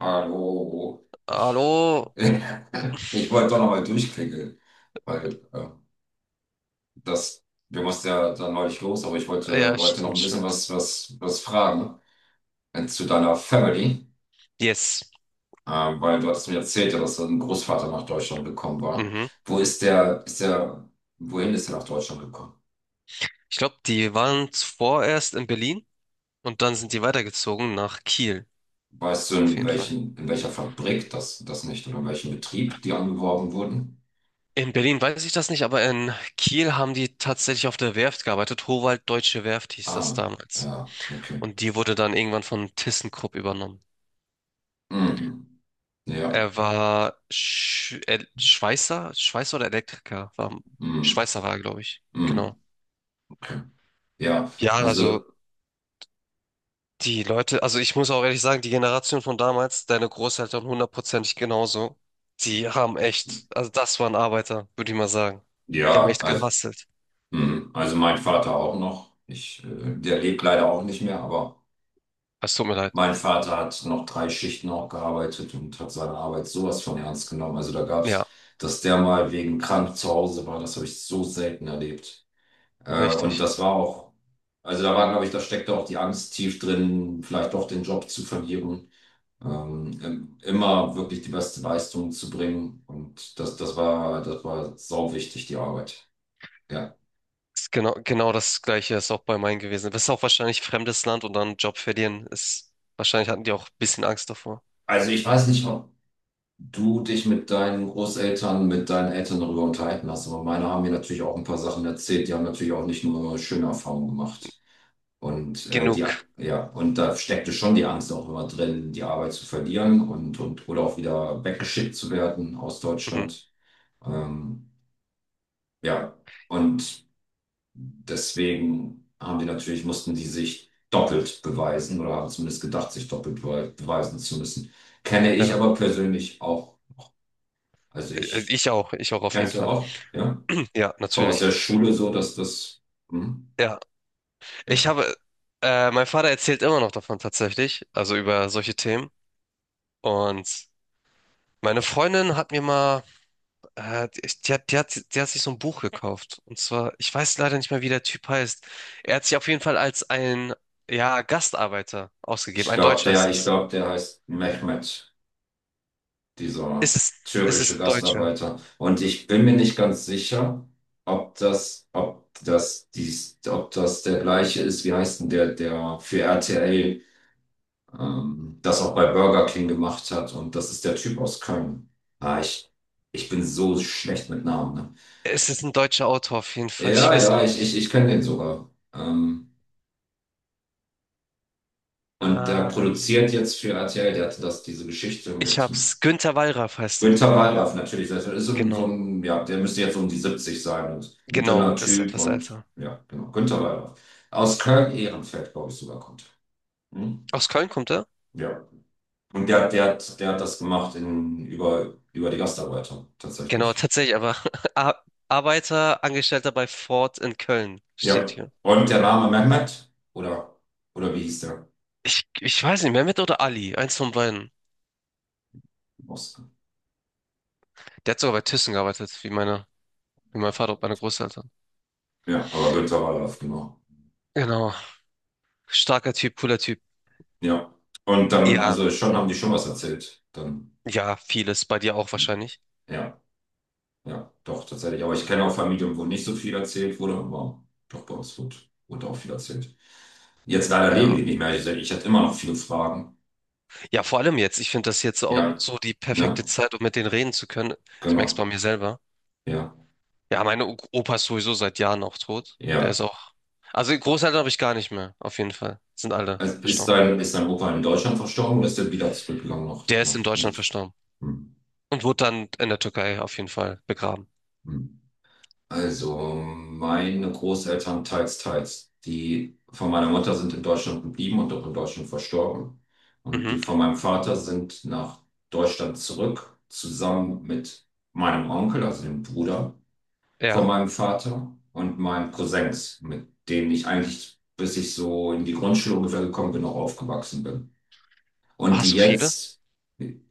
Hallo, ich, Hallo? ich wollte doch nochmal durchklingeln, weil das, wir mussten ja dann neulich los, aber ich wollte, Ja, wollte noch ein stimmt, bisschen stimmt. was fragen zu deiner Family, Yes. äh, weil du hattest mir erzählt, ja, dass dein Großvater nach Deutschland gekommen war. Mhm. Wo ist der, wohin ist er nach Deutschland gekommen? Ich glaube, die waren zuvor erst in Berlin und dann sind die weitergezogen nach Kiel. Weißt du, Auf jeden Fall. In welcher Fabrik das nicht oder in welchem Betrieb die angeworben wurden? In Berlin weiß ich das nicht, aber in Kiel haben die tatsächlich auf der Werft gearbeitet. Howald Deutsche Werft hieß das Ah, damals. ja, okay. Und die wurde dann irgendwann von ThyssenKrupp übernommen. Mhm. Ja. Er war Schweißer oder Elektriker. War, Mhm. Schweißer war er, glaube ich. Genau. Mhm. Okay. Ja, Ja, also also, die Leute, also ich muss auch ehrlich sagen, die Generation von damals, deine Großeltern hundertprozentig genauso, die haben echt, also das waren Arbeiter, würde ich mal sagen. Die haben ja, echt also, gehustelt. mhm. Also mein Vater auch noch. Der lebt leider auch nicht mehr, aber Es tut mir leid. mein Vater hat noch drei Schichten auch gearbeitet und hat seine Arbeit sowas von ernst genommen. Also da gab's, Ja, dass der mal wegen krank zu Hause war, das habe ich so selten erlebt. Und richtig. das war auch, also da war, glaube ich, da steckte auch die Angst tief drin, vielleicht doch den Job zu verlieren. Immer wirklich die beste Leistung zu bringen. Und das war sau wichtig, die Arbeit. Ja. Ist Genau, genau das Gleiche ist auch bei meinen gewesen. Das ist auch wahrscheinlich fremdes Land und dann Job verlieren ist, wahrscheinlich hatten die auch ein bisschen Angst davor. Also ich weiß nicht, ob du dich mit deinen Großeltern, mit deinen Eltern darüber unterhalten hast, aber meine haben mir natürlich auch ein paar Sachen erzählt. Die haben natürlich auch nicht nur schöne Erfahrungen gemacht. Und Genug. ja, und da steckte schon die Angst auch immer drin, die Arbeit zu verlieren und oder auch wieder weggeschickt zu werden aus Mhm. Deutschland. Ähm, ja, und deswegen haben die natürlich, mussten die sich doppelt beweisen oder haben zumindest gedacht, sich doppelt beweisen zu müssen. Kenne ich Ja, aber persönlich auch. Also ich ich auch auf jeden kennst du Fall. auch, ja? Ja, Aus natürlich. der Schule so, dass das, hm, Ja, ich ja. habe, mein Vater erzählt immer noch davon tatsächlich, also über solche Themen. Und meine Freundin hat mir mal, die hat sich so ein Buch gekauft. Und zwar, ich weiß leider nicht mehr, wie der Typ heißt. Er hat sich auf jeden Fall als ja, Gastarbeiter ausgegeben. Ich Ein glaube, Deutscher ist das. Der heißt Mehmet, dieser Ist es, ist türkische es Deutscher? Gastarbeiter. Und ich bin mir nicht ganz sicher, ob das der gleiche ist, wie heißt denn der, der für RTL, das auch bei Burger King gemacht hat. Und das ist der Typ aus Köln. Ah, ich bin so schlecht mit Namen, ne? Es ist ein deutscher Autor auf jeden Fall. Ich Ja, weiß auch ja, ich, ich, nicht. ich kenne den sogar. Und der Ähm, produziert jetzt für RTL, der hatte diese Geschichte ich mit hab's. Günter Wallraff heißt er. Günter Wallraff natürlich. Das ist so ein, so Genau. ein, ja, der müsste jetzt so um die 70 sein und ein Genau, dünner das ist Typ etwas und älter. ja, genau, Günter Wallraff. Aus Köln-Ehrenfeld, glaube ich, sogar kommt er. Hm? Aus Köln kommt er? Ja. Und der hat das gemacht über die Gastarbeiter, Genau, tatsächlich. tatsächlich, aber Arbeiter, Angestellter bei Ford in Köln steht Ja. hier. Und der Name Mehmet, oder wie hieß der? Ich weiß nicht, Mehmet oder Ali, eins von beiden. Oskar. Der hat sogar bei Thyssen gearbeitet, wie wie mein Vater und meine Großeltern. Ja, aber Günter Wallraff, genau. Genau. Starker Typ, cooler Typ. Ja. Und dann, Ja, also schon haben die schon was erzählt. Dann. ja, vieles. Bei dir auch wahrscheinlich. Ja, ja, doch, tatsächlich. Aber ich kenne auch Familien, wo nicht so viel erzählt wurde, aber doch bei uns wurde, auch viel erzählt. Jetzt leider leben Ja. die nicht mehr. Ich hatte immer noch viele Fragen. Ja, vor allem jetzt. Ich finde das jetzt auch Ja, so die perfekte ne? Zeit, um mit denen reden zu können. Ich merke es bei Genau. mir selber. Ja, Ja, meine Opa ist sowieso seit Jahren auch tot. Der ist ja. auch. Also Großeltern habe ich gar nicht mehr, auf jeden Fall. Sind alle Also ist verstorben. dein, ist dein Opa in Deutschland verstorben oder ist er wieder zurückgegangen nach, Der ist in nach in die Deutschland Türkei? verstorben. Hm. Und wurde dann in der Türkei auf jeden Fall begraben. Hm. Also meine Großeltern teils, teils. Die von meiner Mutter sind in Deutschland geblieben und auch in Deutschland verstorben. Und die Mhm. von meinem Vater sind nach Deutschland zurück, zusammen mit meinem Onkel, also dem Bruder von Ja. meinem Vater und meinen Cousins, mit denen ich eigentlich, bis ich so in die Grundschule ungefähr gekommen bin, noch aufgewachsen bin. Und Hast die du viele? jetzt,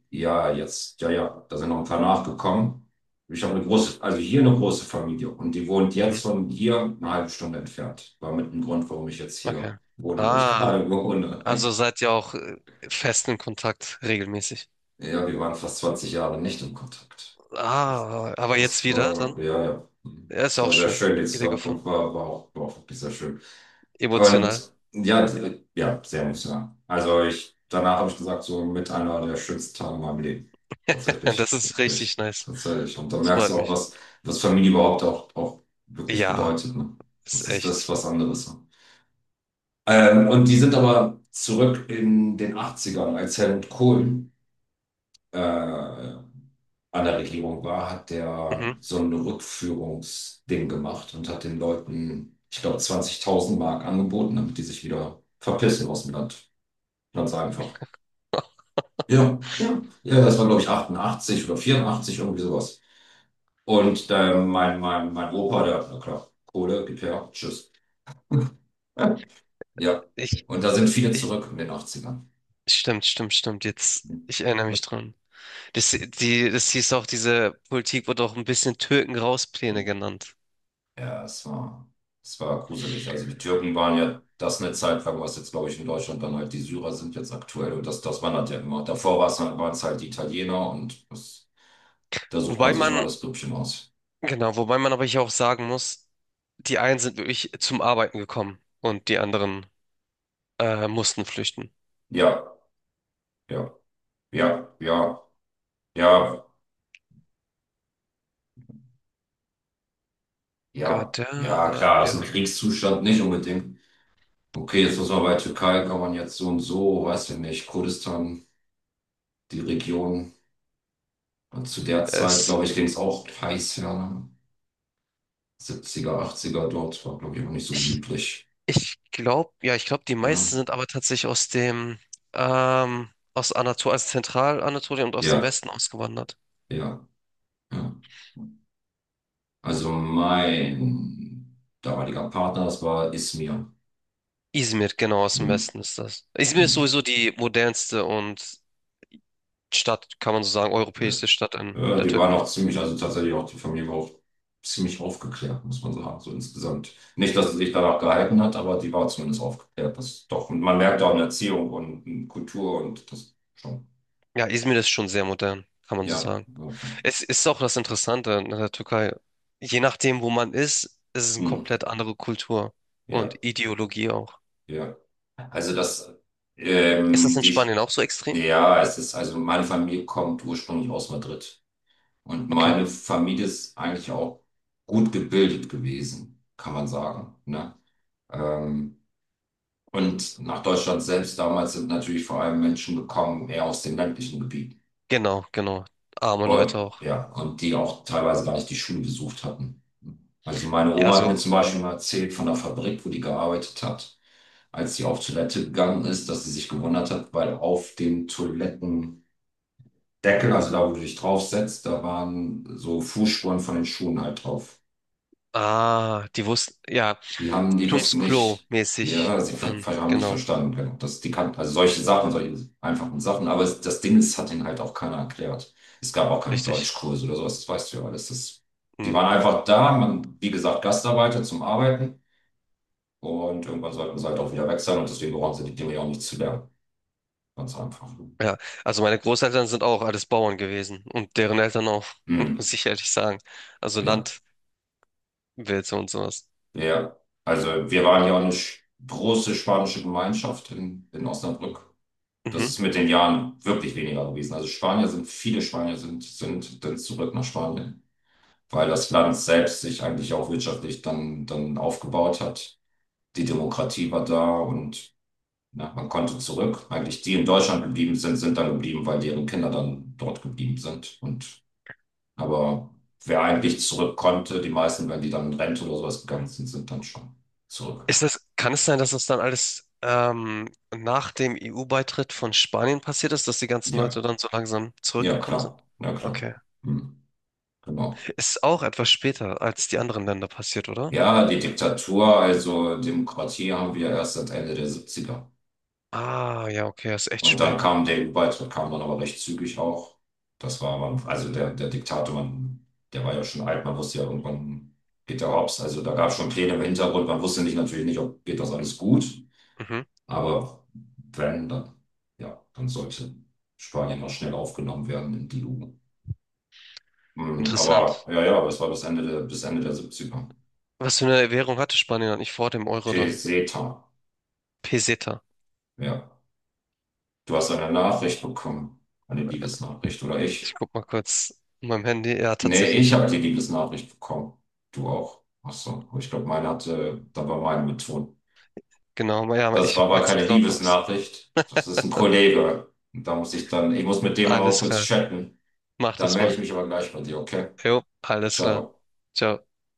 ja, jetzt, ja, ja, da sind noch ein paar nachgekommen. Ich habe eine große, also hier eine große Familie und die wohnt Mhm. jetzt von hier eine halbe Stunde entfernt. War mit dem Grund, warum ich jetzt Okay. hier wohne, wo ich Ah, gerade wohne. also seid ihr auch fest in Kontakt, regelmäßig. Ja, wir waren fast 20 Jahre nicht im Kontakt. Ah, aber jetzt Das wieder dann? war, ja, ja, Ja, ist das auch war sehr schön. schön. Die Wieder Zusammenkunft gefunden. war, war auch wirklich sehr schön. Emotional. Und ja, ja, sehr emotional. Also ich, danach habe ich gesagt, so mit einer der schönsten Tage in meinem Leben. Das Tatsächlich, ist richtig wirklich, nice. tatsächlich. Und da Das merkst freut du auch, mich. was Familie überhaupt auch wirklich Ja, bedeutet, ne? ist Das ist das, echt. was anderes, ne? Und die sind aber zurück in den Achtzigern, als Helmut Kohl äh, an der Regierung war, hat der Mhm. so ein Rückführungsding gemacht und hat den Leuten, ich glaube, 20.000 Mark angeboten, damit die sich wieder verpissen aus dem Land. Ganz einfach. Ja, ja, ja, das war, glaube ich, 88 oder 84 irgendwie sowas. Und mein Opa, der, na klar, Kohle, gib her, tschüss. Ja, Ich, und da sind viele ich, zurück in den Achtzigern. stimmt, stimmt, stimmt. Jetzt, ich erinnere mich dran. Das hieß auch, diese Politik wurde auch ein bisschen Türken-Raus-Pläne genannt. Ja, es war gruselig. Also die Türken waren ja das eine Zeit lang, was jetzt, glaube ich, in Deutschland dann halt die Syrer sind jetzt aktuell. Und das, das wandert ja immer. Davor war es halt, waren es halt die Italiener und das, da sucht Wobei man sich immer man, das Grüppchen aus. genau, wobei man aber hier auch sagen muss, die einen sind wirklich zum Arbeiten gekommen und die anderen mussten flüchten. Ja, ja, ja, ja, ja, ja, Gott, der ja, war, klar, das ist ein ja. Kriegszustand, nicht unbedingt. Okay, jetzt muss man bei Türkei, kann man jetzt so und so, weiß ich nicht, Kurdistan, die Region. Und zu der Zeit, Es glaube ich, ging es auch heiß, ja, ne? 70er, dort, war, glaube ich, auch nicht so gemütlich. Ja, ich glaube, die Oder? meisten sind aber tatsächlich aus Anatolien, also Zentralanatolien und aus dem Ja, Westen ausgewandert. ja, ja. Also mein damaliger Partner, das war Ismir. Izmir, genau, aus dem Hm, Westen ist das. Izmir ist hm. sowieso die modernste und Stadt, kann man so sagen, Ja. europäischste Stadt in Ja, der die waren auch Türkei. ziemlich, also tatsächlich auch die Familie war auch ziemlich aufgeklärt, muss man sagen, so insgesamt. Nicht, dass sie sich danach gehalten hat, aber die war zumindest aufgeklärt. Das doch, und man merkt auch in Erziehung und in Kultur und das schon. Ja, Izmir ist schon sehr modern, kann man so Ja, sagen. okay. Es ist auch das Interessante in der Türkei. Je nachdem, wo man ist, ist es eine Hm, komplett andere Kultur und ja, Ideologie auch. ja. Also das, Ist das in die, Spanien auch so extrem? ja, es ist, also meine Familie kommt ursprünglich aus Madrid. Und Okay. meine Familie ist eigentlich auch gut gebildet gewesen, kann man sagen, ne? Ähm, und nach Deutschland selbst damals sind natürlich vor allem Menschen gekommen, eher aus dem ländlichen Gebiet. Genau, genau. Arme Leute Und, auch. ja, und die auch teilweise gar nicht die Schule besucht hatten. Also meine Ja, Oma hat mir so, zum Beispiel mal erzählt von der Fabrik, wo die gearbeitet hat, als sie auf Toilette gegangen ist, dass sie sich gewundert hat, weil auf dem Toilettendeckel, also da, wo du dich draufsetzt, da waren so Fußspuren von den Schuhen halt drauf. ah, die wussten, ja, Die Tums wussten Klo nicht, mäßig ja, sie dann, haben nicht genau, verstanden, genau. Das, die kannten, also solche Sachen, solche einfachen Sachen, aber es, das Ding ist, hat ihnen halt auch keiner erklärt. Es gab auch keinen richtig. Deutschkurs oder sowas, das weißt du ja alles. Das, die Hm. waren einfach da, man, wie gesagt, Gastarbeiter zum Arbeiten und irgendwann sollten sie halt auch wieder weg sein und deswegen brauchen sie die Dinge ja auch nicht zu lernen. Ganz einfach. Ja, also meine Großeltern sind auch alles Bauern gewesen und deren Eltern auch, Hm, muss ich ehrlich sagen. Also ja, Landwirte und sowas. ja. Also wir waren ja auch eine große spanische Gemeinschaft in Osnabrück. Das Mhm. ist mit den Jahren wirklich weniger gewesen. Also Spanier sind, viele Spanier sind dann zurück nach Spanien, weil das Land selbst sich eigentlich auch wirtschaftlich dann aufgebaut hat. Die Demokratie war da und ja, man konnte zurück. Eigentlich die in Deutschland geblieben sind, sind dann geblieben, weil deren Kinder dann dort geblieben sind. Und aber wer eigentlich zurück konnte, die meisten, wenn die dann in Rente oder sowas gegangen sind, sind dann schon zurück. Ist das, kann es sein, dass das dann alles nach dem EU-Beitritt von Spanien passiert ist, dass die ganzen Ja, Leute dann so langsam ja, zurückgekommen sind? klar. Ja, klar. Okay. Hm, genau. Ist auch etwas später als die anderen Länder passiert, oder? Ja, die Diktatur, also Demokratie haben wir erst seit Ende der 70. Ah, ja, okay, das ist echt Und dann spät. kam der EU-Beitritt, kam dann aber recht zügig auch. Das war, man, also der, der Diktator, man, der war ja schon alt, man wusste ja irgendwann geht der hops. Also da gab es schon Pläne im Hintergrund, man wusste nicht natürlich nicht, ob geht das alles gut. Mhm. Aber wenn, dann, ja, dann sollte Spanien auch schnell aufgenommen werden in die EU. Hm, Interessant. aber ja, ja, aber es war bis Ende der 70er. Was für eine Währung hatte Spanien eigentlich vor dem Euro dann? Peseta. Peseta. Ja. Du hast eine Nachricht bekommen. Eine Liebesnachricht, oder Ich ich? guck mal kurz in meinem Handy. Ja, Nee, tatsächlich. ich Ich hab, habe die Liebesnachricht bekommen. Du auch. Ach so. Ich glaube, meine hatte, da war meine mit Ton. genau, ma- ja, Das war ich aber mein's keine jetzt lautlos. Liebesnachricht. Das ist ein Kollege. Und da muss ich dann, ich muss mit dem aber Alles kurz klar. chatten. Mach Dann das melde ich mal. mich aber gleich bei dir, okay? Jo, alles klar. Ciao. Ciao.